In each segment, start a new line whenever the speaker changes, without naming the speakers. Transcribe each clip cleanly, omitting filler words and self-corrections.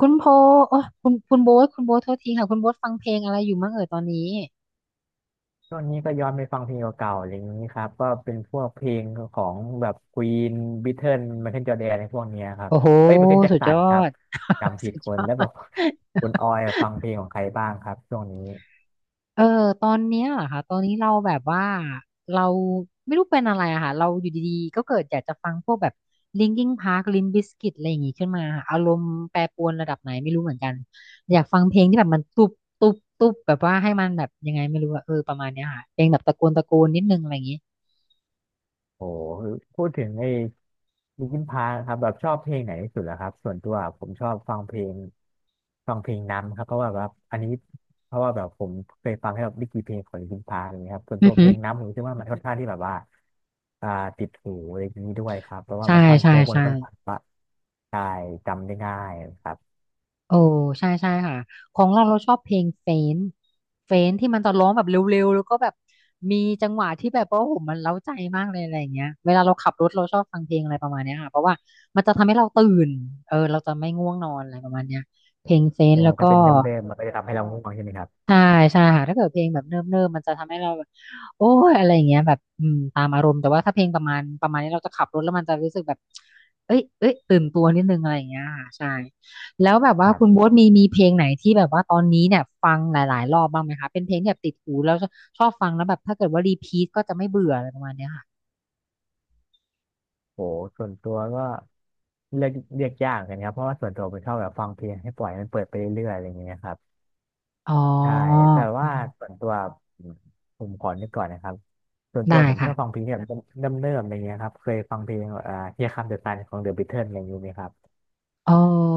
คุณโพโอ้คุณโบ๊ทโทษทีค่ะ คุณโบ๊ทฟังเพลงอะไรอยู่มั่งเอ่ยตอนนี้
ช่วงนี้ก็ย้อนไปฟังเพลงเก่าๆอะไรอย่างนี้ครับก็เป็นพวกเพลงของแบบควีนบิทเทิลไมเคิลจอร์แดนในพวกเนี้ยครับ
โอ้โห
เอ้ยไมเคิลแจ็ค
สุด
สั
ยอ
นครับ
ด
จำผิ
สุ
ด
ด
ค
ย
น
อ
แล้วแบ
ด
บคุณออยฟังเพลงของใครบ้างครับช่วงนี้
เออ ตอนเนี้ยเหรอค่ะ ตอนนี้เราแบบว่าเราไม่รู้เป็นอะไรอะค่ะ เราอยู่ดีๆ ก็เกิดอยากจะฟังพวกแบบ Linkin Park Limp Bizkit อะไรอย่างงี้ขึ้นมาค่ะอารมณ์แปรปรวนระดับไหนไม่รู้เหมือนกัน อยากฟังเพลงที่แบบมันตุบตุบตุบแบบว่าให้มันแบบยังไงไม่รู้อะเออประมาณเนี้ยค่ะเพลงแบบตะโกนตะโกนนิดนึงอะไรอย่างงี้
โอ้พูดถึงไอ้ลินคินพาร์คครับแบบชอบเพลงไหนที่สุดเหรอครับส่วนตัวผมชอบฟังเพลงฟังเพลงนํครับเพราะว่าแบบอันนี้เพราะว่าแบบผมเคยฟังให้แบบไม่กี่เพลงของลินคินพาร์คอะไรอย่างเงี้ยครับส่วน
อื
ตั
อ
วเพ
หื
ล
อ
งนํผมคิดว่ามันค่อนข้างที่แบบว่าอ่าติดหูอะไรอย่างนี้ด้วยครับเพราะว่า
ใช่
มันท่อน
ใช่
โฮกมัน
ใช่
ค่อนข้างว่าได้จำได้ง่ายครับ
โอ้ใช่ใช่ค่ะของเราเราชอบเพลงเฟนเฟนที่มันจะร้องแบบเร็วๆแล้วก็แบบมีจังหวะที่แบบว่าโอ้โหมันเร้าใจมากเลยอะไรอย่างเงี้ยเวลาเราขับรถเราชอบฟังเพลงอะไรประมาณเนี้ยค่ะเพราะว่ามันจะทำให้เราตื่นเออเราจะไม่ง่วงนอนอะไรประมาณเนี้ยเพลงเฟน
แต่
แล้วก็
ถ้าเป็นเดิมๆมันก็จะทำให้เราง่วงใช่ไหมครับ
ใช่ใช่ค่ะถ้าเกิดเพลงแบบเนิ่มๆมมันจะทำให้เราแบบโอ้ยอะไรอย่างเงี้ยแบบอืมตามอารมณ์แต่ว่าถ้าเพลงประมาณนี้เราจะขับรถแล้วมันจะรู้สึกแบบเอ้ยเอ้ยตื่นตัวนิดนึงอะไรอย่างเงี้ยค่ะใช่แล้วแบบว่าคุณโบ๊ทมีเพลงไหนที่แบบว่าตอนนี้เนี่ยฟังหลายๆรอบบ้างไหมคะเป็นเพลงที่แบบติดหูแล้วชอบฟังแล้วแบบถ้าเกิดว่ารีพีทก็จะไม่เบื่ออะไรประมาณเนี้ยค่ะ
โหส่วนตัวก็เลือกเลือกยากกันครับเพราะว่าส่วนตัวเป็นชอบแบบฟังเพลงให้ปล่อยมันเปิดไปเรื่อยๆอะไรอย่างเงี้ยครับ
อ๋อ
ใช่แต่
อื
ว่าส่
ม
วนตัวผมผมขอนึกก่อนนะครับส่วนตัว
ได้
ผมช
ค่ะ
อบฟังเพลงที่แบบเริ่มเริ่มๆอะไรเงี้ยครับเคยฟังเพลงHere Comes the Sun ของ The Beatles อะไรอย่างนี้ไหมครับ
เอ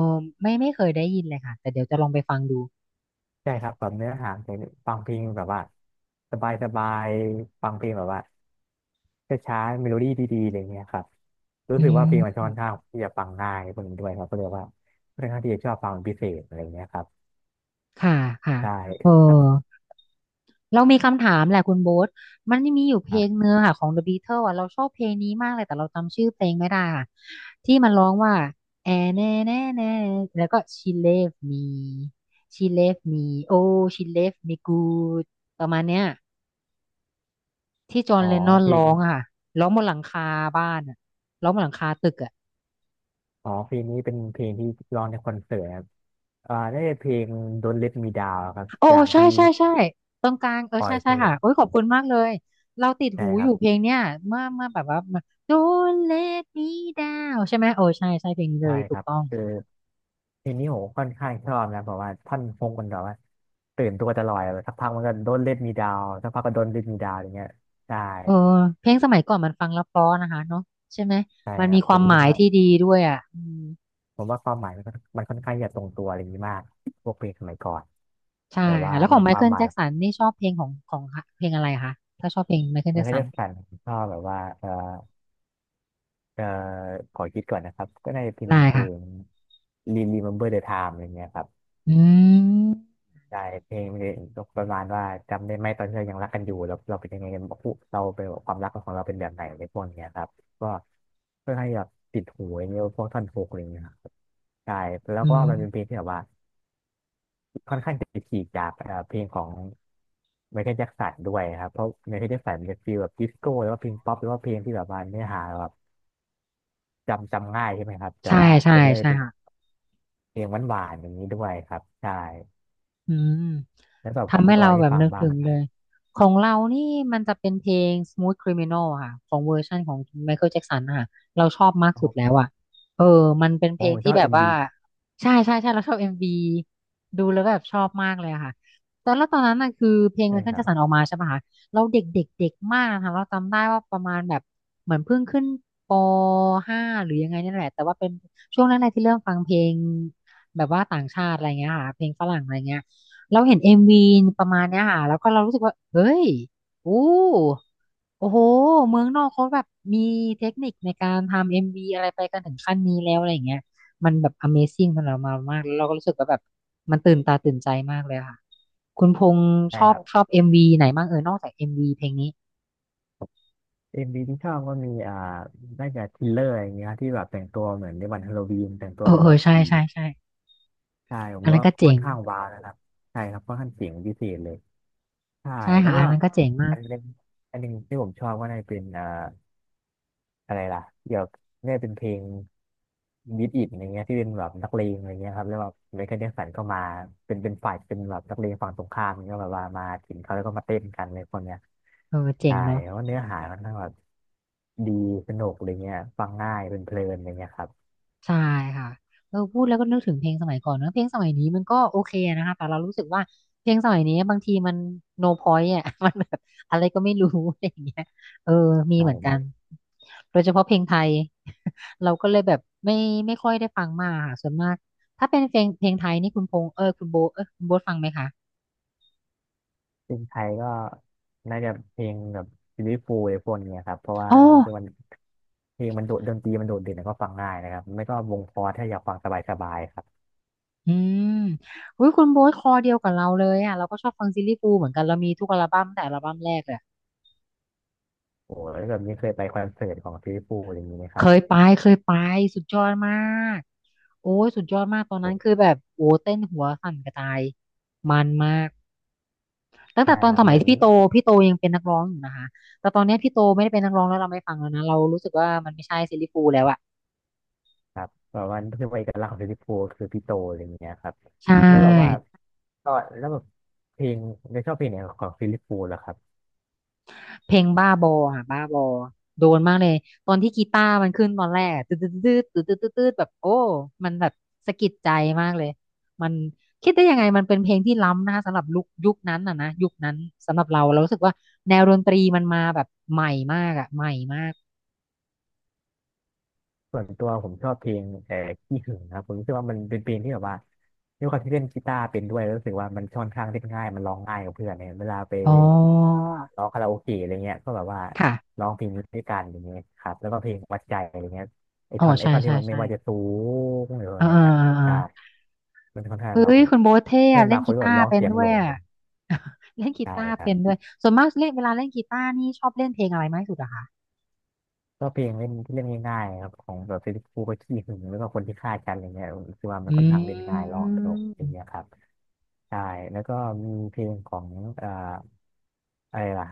อไม่เคยได้ยินเลยค่ะแต่เดี๋ยวจะลองไปฟังดู
ใช่ครับแบบเนื้อหาเพลงฟังเพลงแบบว่าสบายสบายฟังเพลงแบบว่าช้าๆเมโลดี้ดีๆอะไรเงี้ยครับรู้
อื
สึกว่าเพลงมัน
ม
ค่อนข้างที่จะฟังง่ายพวกนี้ด้วยครับก็เลยว่าค่อนข้างที่จะชอบฟังเป็นพิเศษอะไรเงี้ยครับ
ค่ะค่ะ
ใช่
เออ เรามีคำถามแหละคุณโบ๊ทมันมีอยู่เพ
ค
ล
รั
ง
บ
เนื้อค่ะของ The Beatles อ่ะเราชอบเพลงนี้มากเลยแต่เราจำชื่อเพลงไม่ได้ค่ะที่มันร้องว่าแอแน่แล้วก็ she left me she left me oh she left me good ประมาณเนี้ยที่จอห์น
อ๋อ
เลนนอน
เพล
ร้อ
ง
งอะค่ะร้องบนหลังคาบ้านอะร้องบนหลังคาตึกอะ
อ๋อเพลงนี้เป็นเพลงที่ร้องในคอนเสิร์ตครับได้เพลง Don't Let Me Down ครับ
โอ้
จา
โอ้
ก
ใช่
ที่
ใช่ใช่ตรงกลางเออ
ปอ
ใช่
ย
ใช่
พู
ค่ะ
ด
โอ้ยขอบคุณมากเลยเราติด
ใช่
หู
ค
อ
รั
ยู่
บ
เพลงเนี้ยเมื่อแบบว่า Don't let me down ใช่ไหมโอ้ใช่ใช่เพลงนี้เล
ใช่
ยถู
ค
ก
รับ
ต้อง
เออ ทีนี้ผมค่อนข้างชอบนะเพราะว่าท่อนพงมันแบบว่าตื่นตัวจะลอยแบบสักพักมันก็โดนเล่นมีดาวสักพักก็โดนเล็นมีดาวอย่างเงี้ยใช่
เออเพลงสมัยก่อนมันฟังแล้วเพราะนะคะเนาะใช่ไหม
ใช่
มัน
ค
มี
รับ
ค
ผ
วา
ม
มห
รู้
มา
สึก
ย
ว่า
ที่ดีด้วยอ่ะอืม
ผมว่าความหมายมันก็มันค่อนข้างจะตรงตัวอะไรอย่างนี้มากพวกเพลงสมัยก่อน
ใช่
แบบว่า
ค่ะแล้วข
มั
อ
น
งไม
ควา
เคิ
ม
ล
หมาย
แจ็คสันนี่ชอบเพลงของเพลงอะไรคะถ้าชอบเพลงไมเคิล
มั
แจ็
น
ค
ก็
สัน
จะสั่นชอบแบบว่าเออขอคิดก่อนนะครับก็น่าจะเป็น
ได้
เพล
ค่ะ
ง Remember the Time อะไรเงี้ยครับ
อืม
ใช่เพลงมันจะประมาณว่าจำได้ไหมตอนที่เรายังรักกันอยู่เราเป็นยังไงกันบอกผู้เราเป็นความรักของเราเป็นแบบไหนในพวกเนี้ยครับก็เพื่อให้แบบติดหูอย่างเงี้ยพวกท่อนฮุกอะไรเงี้ยครับใช่แล้ว
อื
ก็
ม
มันเป็นเพลงที่แบบว่าค่อนข้างจะฉีกจากเพลงของไมเคิลแจ็คสันด้วยครับเพราะไมเคิลแจ็คสันมันจะฟีลแบบดิสโก้หรือว่าเพลงป๊อปหรือว่าเพลงที่แบบว่าเนื้อหาแบบจำง่ายใช่ไหมครับแต่
ใช่
ว่า
ใช่
ตัวเนี้ย
ใช่
เป็น
ค่ะ
เพลงหวานๆอย่างนี้ด้วยครับใช่
อืม
แล้วสำหรับของ
ทำ
คุ
ให้
ณออ
เรา
ย
แบ
นี่
บ
ฟัง
นึก
บ้าง
ถึ
ไหม
ง
ค
เล
รับ
ยของเรานี่มันจะเป็นเพลง Smooth Criminal อะค่ะของเวอร์ชันของ Michael Jackson อะค่ะเราชอบมาก
โอ้
สุ
โห
ดแล้วอะเออมันเป็น
ผ
เพลง
มช
ที่
อบ
แบบ
เอ็ม
ว่า
บี
ใช่ใช่ใช่เราชอบ MV ดูแล้วแบบชอบมากเลยอะค่ะตอนแล้วตอนนั้นน่ะคือเพลง
ใช่ค
Michael
รับ
Jackson ออกมาใช่ปะคะเราเด็กเด็กเด็กมากนะคะเราจำได้ว่าประมาณแบบเหมือนเพิ่งขึ้นปห้าหรือยังไงนี่แหละแต่ว่าเป็นช่วงนั้นแหละที่เริ่มฟังเพลงแบบว่าต่างชาติอะไรเงี้ยค่ะเพลงฝรั่งอะไรเงี้ย เราเห็นเอ็มวีประมาณเนี้ยค่ะแล้วก็เรารู้สึกว่าเฮ้ยอู้โอ้โหเมืองนอกเขาแบบมีเทคนิคในการทำเอ็มวีอะไรไปกันถึงขั้นนี้แล้วอะไรอย่างเงี้ยมันแบบ Amazing สำหรับเรามากแล้วเราก็รู้สึกว่าแบบมันตื่นตาตื่นใจมากเลยค่ะคุณพงษ์
ใช่ครับ
ชอบเอ็มวีไหนบ้างเออนอกจากเอ็มวีเพลงนี้
เอ็มวีที่ชอบก็มีน่าจะทิลเลอร์อย่างเงี้ยที่แบบแต่งตัวเหมือนในวันฮาโลวีนแต่งตั
เอ
ว
อ
เป็น
เอ
แบ
อ
บ
ใช่
ผี
ใช่ใช่
ใช่ ผ
อั
ม
นนั้น
ว่า
ก็
ค่
เจ๋
อน
ง
ข้างว้าวนะครับใช่ครับค่อนข้างเจ๋งพิเศษเลย ใช่
ใช่
แล้ว
ค่ะ
ก็
อันนั้นก็เจ๋งมา
อั
ก
นหนึงอันหนึงที่ผมชอบก็น่าจะเป็นอะไรล่ะเกี่ยวกับเนี่ยเป็นเพลงบีทอิทอะไรเงี้ยที่เป็นแบบนักเลงอะไรเงี้ยครับแล้วแบบไมเคิลแจ็คสันก็มาเป็นฝ่ายเป็นแบบนักเลงฝั่งตรงข้ามก็แบบว่ามาถึงเขาแล้วก็มาเต้นกันเลยคนเนี้ย
เออเจ๋
ใช่
งเนาะ
เพราะเนื้อหามันทั้งแบบดีสนุกอะไรเงี้ยฟังง่ายเป็นเพลินอะไรเงี้ยครับ
ใช่ค่ะเออพูดแล้วก็นึกถึงเพลงสมัยก่อนเนอะเพลงสมัยนี้มันก็โอเคนะคะแต่เรารู้สึกว่าเพลงสมัยนี้บางทีมัน no point อ่ะ มันแบบอะไรก็ไม่รู้ อะไรอย่างเงี้ยเออมี
ใช่
เหมือน
ค
กั
รั
น
บ
โดยเฉพาะเพลงไทย เราก็เลยแบบไม่ค่อยได้ฟังมากค่ะส่วนมากถ้าเป็นเพลงไทยนี่คุณพงษ์เออคุณโบเออคุณโบทฟังไหมคะ
ซึ่งไทยก็น่าจะเพลงแบบซีรีส์ฟูอะไรพวกเนี้ยครับเพราะว่า
อ๋อ
ผมคิดว่ามันเพลงมันโดดดนตรีมันโดดเด่นแล้วก็ฟังง่ายนะครับไม่ก็วงพอร์ถ้าอยากฟังสบายๆครับ
อืมอุ้ยคุณโบทคอเดียวกับเราเลยอ่ะเราก็ชอบฟังซิลลี่ฟูลส์เหมือนกันเรามีทุกอัลบั้มตั้งแต่อัลบั้มแรกเลย
โอ้แล้วแบบนี้เคยไปคอนเสิร์ตของฟิลิปปูอะไรอย่างนี้ไหมค
เค
รับ
ยไปเคยไปสุดยอดมากโอ้ยสุดยอดมากตอน
โอ
นั้น
้
คือแบบโอ้เต้นหัวสั่นกระจายมันมากตั้ง
ใช่
แต่ตอ
ค
น
รั
ส
บเห
มั
มื
ย
อน
ที่พี่โตยังเป็นนักร้องอยู่นะคะแต่ตอนเนี้ยพี่โตไม่ได้เป็นนักร้องแล้วเราไม่ฟังแล้วนะเรารู้สึกว่ามันไม่ใช่ซิลลี่ฟูลแล้วอะ
ครับแบบว่าคือเอกลักษณ์ของฟิลิปปูคือพี่โตอะไรอย่างเงี้ยครับ
ใช
แล้วแบบว่า
่
ก็แล้วแบบเพลงได้ชอบเพลงไหนของฟิลิปปูเหรอครับ
เพลงบ้าบออ่ะบ้าบอโดนมากเลยตอนที่กีตาร์มันขึ้นตอนแรกอะตืดตืดตืดตืดตืดตืดแบบโอ้มันแบบสะกิดใจมากเลยมันคิดได้ยังไงมันเป็นเพลงที่ล้ำนะคะสำหรับลุคยุคนั้นอ่ะนะยุคนั้นสำหรับเราเรารู้สึกว่าแนวดนตรีมันมาแบบใหม่มากอ่ะใหม่มาก
ส่วนตัวผมชอบเพลงขี้หึงนะครับผมรู้สึกว่ามันเป็นเพลงที่แบบว่าด้วยความที่เล่นกีตาร์เป็นด้วยแล้วรู้สึกว่ามันค่อนข้างเล่นง่ายมันร้องง่ายกับเพื่อนเนี่ยเวลาไป
อ๋อ
อ่าร้องคาราโอเกะอะไรเงี้ยก็แบบว่า
ค่ะ
ร้องเพลงนี้ด้วยกันอย่างเงี้ยครับแล้วก็เพลงวัดใจอะไรเงี้ยไอ
อ๋อ
ท่อนไอ
ใช่
ท่อนที่
ใช่
มันไม่
ใช่
ว่าจะสูงหรืออะ
อ่า
ไร
อ่า
เนี่ย
อ่า
ใช่
อ่า
มันค่อนข้าง
เฮ้
ร้อง
ยคุณโบ๊ทเท่
เพื่อ
อะ
น
เล่
บา
น
งค
กี
นก็แบ
ตา
บ
ร์
ร้อง
เป็น
เสียง
ด้
โห
ว
ล
ย
ง
อ่ะ เล่นกี
ใช่
ตาร์
ครั
เป็
บ
นด้วยส่วนมากเล่นเวลาเล่นกีตาร์นี่ชอบเล่นเพลงอะไรมากที่สุดอะคะ
ก็เพลงเล่นที่เล่นง่ายๆครับของแบบฟิลิปปูก็ขี้หึงแล้วก็คนที่ฆ่ากันอะไรเงี้ยผมคือว่ามัน
อื
ค่อนข้างเล่นง่ายลองตลกอะไร
ม
เงี้ยครับใช่แล้วก็มีเพลงของเอ่ออะไรล่ะ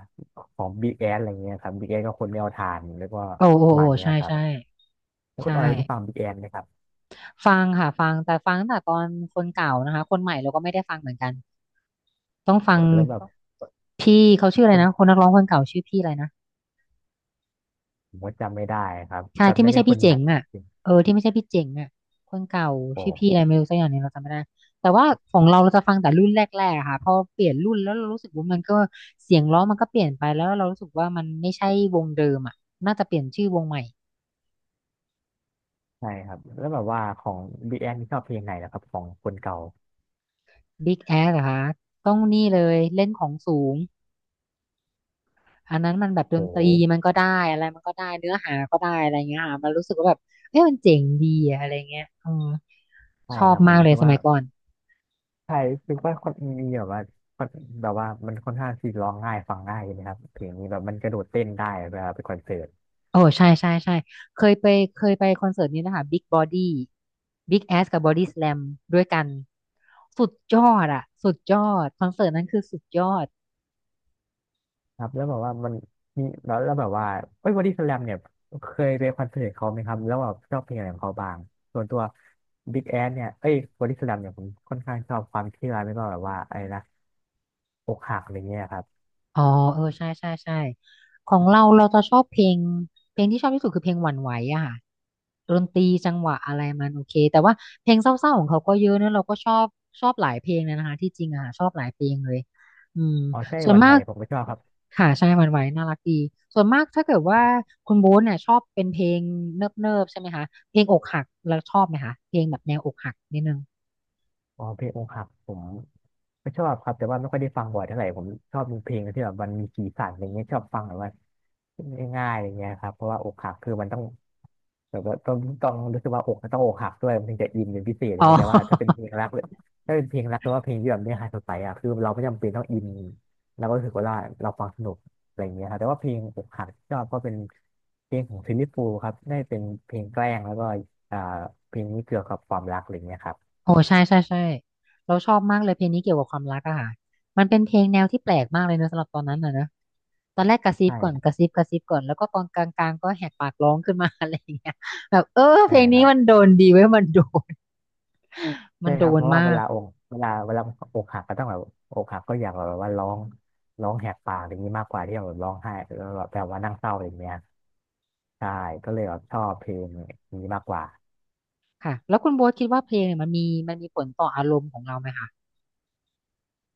ของบิ๊กแอสอะไรเงี้ยครับบิ๊กแอสก็คนไม่เอาทานแล้วก็
โอ้โอ้
ประมั
โอ้
นเนี้
ใช่
ยครับ
ใช่
แล้วคุ
ใช่
ณออยได้ฟังบิ๊กแอสไหมครับ
ฟังค่ะฟังแต่ฟังตั้งแต่ตอนคนเก่านะคะคนใหม่เราก็ไม่ได้ฟังเหมือนกันต้องฟัง
แล้วแบบ
พี่เขาชื่ออะไร
คน
นะคนนักร้องคนเก่าชื่อพี่อะไรนะ
ผมก็จำไม่ได้ครับ
ใช่
จำ
ที่
ได้
ไม่ใช่
แค่ค
พี่
นให
เจ๋
ม่
ง
จ
อ่ะ
ริง
เออที่ไม่ใช่พี่เจ๋งอ่ะคนเก่า
ๆโอ้
ชื่อพี่อะไรไม่รู้สักอย่างหนึงเราจำไม่ได้แต่ว่าของเราเราจะฟังแต่รุ่นแรกๆอะค่ะพอเปลี่ยนรุ่นแล้วเรารู้สึกว่ามันก็เสียงร้องมันก็เปลี่ยนไปแล้วเรารู้สึกว่ามันไม่ใช่วงเดิมอ่ะน่าจะเปลี่ยนชื่อวงใหม่
ใช่ครับแล้วแบบว่าของบิ๊กแอสชอบเพลงไหนนะครับของคนเก่า
Big Ass เหรอคะต้องนี่เลยเล่นของสูงอันนั้นมันแบบด
โอ้
นตรีมันก็ได้อะไรมันก็ได้เนื้อหาก็ได้อะไรเงี้ยค่ะมันรู้สึกว่าแบบเอ้ยมันเจ๋งดีอะอะไรเงี้ยเออ
ใช่
ชอ
ค
บ
รับผ
มา
ม
กเล
คิ
ย
ด
ส
ว่า
มัยก่อน
ใช่คือว่าคนมีแบบว่าคนแบบว่ามันค่อนข้างที่ร้องง่ายฟังง่ายนะครับเพลงนี้แบบมันกระโดดเต้นได้เวลาไปคอนเสิร์ต
โอ้ใช่ใช่ใช่เคยไปเคยไปคอนเสิร์ตนี้นะคะ Big Body Big แ s สกับ Body Slam ด้ส a ลมด้วยกันสุดยอดอะสุดยอดคอนเสิร์ตนั้นคือสุดยอด
ครับแล้วแบบว่ามันมีแล้วแล้วแบบว่าเอ้ยบอดี้สแลมเนี่ยเคยไปคอนเสิร์ตเขาไหมครับแล้วแบบชอบเพลงอะไรของเขาบ้างส่วนตัวบิ๊กแอเนี่ยเอ้ยบอดี้สแลมเนี่ยผมค่อนข้างชอบความเชื่อไม่ก็แบบว่าอะไรนะอกหักอะไรเงี้ยครับ
อ๋อเออใช่ใช่ใช่ของเราเราจะชอบเพลงเพลงที่ชอบที่สุดคือเพลงหวั่นไหวอะค่ะดนตรีจังหวะอะไรมันโอเคแต่ว่าเพลงเศร้าๆของเขาก็เยอะนะเราก็ชอบชอบหลายเพลงเลยนะคะที่จริงอะค่ะชอบหลายเพลงเลยอืม
อ๋อใช่
ส่ว
ห
น
วัน
มา
ไหว
ก
ผมก็ชอบครับ
ค่ะใช่หวั่นไหวน่ารักดีส่วนมากถ้าเกิดว่าคุณโบ๊ทเนี่ยชอบเป็นเพลงเนิบๆใช่ไหมคะเพลงอกหักแล้วชอบไหมคะเพลงแบบแนวอกหักนิดนึง
อ๋อเพลงอกหักผมก็ชอบครับแต่ว่าไม่ค่อยได้ฟังบ่อยเท่าไหร่ผมชอบดูเพลงที่แบบมันมีสีสันอะไรเงี้ยชอบฟังแบบว่าง่ายๆอะไรเงี้ยครับเพราะว่าอกหักคือมันต้องแบบว่าต้องรู้สึกว่าอกต้องอกหักด้วยมันถึงจะอินเป็นพิเศษอะไร
อ๋
เงี้ยแต่ว่าถ้าเป็น
อ
เพลงรักเลยถ้าเป็นเพลงรักหรือว่าเพลงที่แบบเนื้อหาสดใสอ่ะคือเราไม่จำเป็นต้องอินเราก็รู้สึกว่าเราฟังสนุกอะไรเงี้ยครับแต่ว่าเพลงอกหักที่ชอบก็เป็นเพลงของซิลลี่ฟูลส์ครับได้เป็นเพลงแกล้งแล้วก็อ่าเพลงนี้เกี่ยวกับความรักอะไรเงี้ยครับ
โอ้ใช่ใช่ใช่เราชอบมากเลยเพลงนี้เกี่ยวกับความรักอะค่ะมันเป็นเพลงแนวที่แปลกมากเลยเนอะสำหรับตอนนั้นนะเนอะตอนแรกกระซิบก่อนก
ใช่
ระซิบกระซิบก่อนแล้วก็ตอนกลางๆก็แหกปากร้องขึ้นมา อะไรอย่างเงี้ยแบบเออเพ
ใช่
ลง
ค
นี้
รับ
มันโดนดีเว้ยนมั
ใช่
น
ค
โด
รับเพ
น
ราะว่า
มาก
เวลาอกหักก็ต้องแบบอกหักก็อยากแบบว่าร้องแหกปากอย่างนี้มากกว่าที่แบบร้องไห้แล้วแบบว่านั่งเศร้าอย่างเงี้ยใช่ก็เลยแบบชอบเพลงนี้มากกว่า
ค่ะแล้วคุณโบ๊ทคิดว่าเพลงเนี่ยมันมีผลต่ออารมณ์ของเราไหมคะ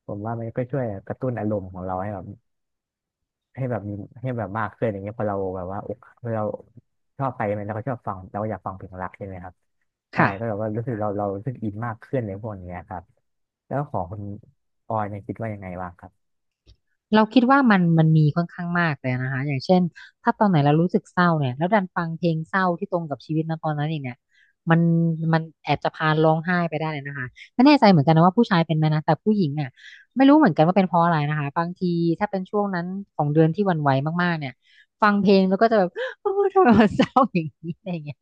ผมว่ามันก็ช่วยกระตุ้นอารมณ์ของเราให้แบบให้แบบมีให้แบบมากขึ้นอย่างเงี้ยพอเราชอบไปมันเราก็ชอบฟังเราก็อยากฟังเพลงรักใช่ไหมครับใช่
ค่ะ
ก็แบบว่ารู้สึกเราเรารู้สึกอินมากขึ้นในพวกเนี้ยครับแล้วของคุณออยเนี่ยคิดว่ายังไงบ้างครับ
เราคิดว่ามันมันมีค่อนข้างมากเลยนะคะอย่างเช่นถ้าตอนไหนเรารู้สึกเศร้าเนี่ยแล้วดันฟังเพลงเศร้าที่ตรงกับชีวิตนะตอนนั้นอีกเนี่ยมันมันแอบจะพาร้องไห้ไปได้เลยนะคะไม่แน่ใจเหมือนกันนะว่าผู้ชายเป็นไหมนะแต่ผู้หญิงอ่ะไม่รู้เหมือนกันว่าเป็นเพราะอะไรนะคะบางทีถ้าเป็นช่วงนั้นของเดือนที่หวั่นไหวมากๆเนี่ยฟังเพลงแล้วก็จะแบบ โอ้ทำไมมันเศร้าอย่างนี้อะไรอย่างเงี้ย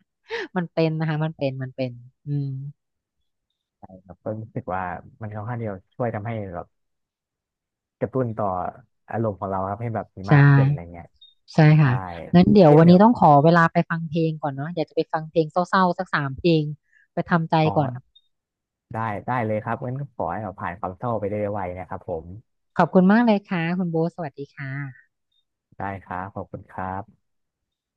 มันเป็นนะคะมันเป็นมันเป็นอืม
แบบก็รู้สึกว่ามันค่อนข้างที่จะช่วยทำให้แบบกระตุ้นต่ออารมณ์ของเราครับให้แบบมีมา
ใช่
กขึ้นอะไรเงี้ย
ใช่ค่ะ
ใช่
งั้นเดี๋ยว
เช่น
วัน
เดีย
นี้
ว
ต้องขอเวลาไปฟังเพลงก่อนเนาะอยากจะไปฟังเพลงเศร้าๆสัก3 เพลงไปทำใจ
อ๋อ
ก่อน
ได้ได้เลยครับงั้นก็ขอให้เราผ่านความเศร้าไปได้ไวนะครับผม
ขอบคุณมากเลยค่ะคุณโบทสวัสดีค่ะ
ได้ครับขอบคุณครับ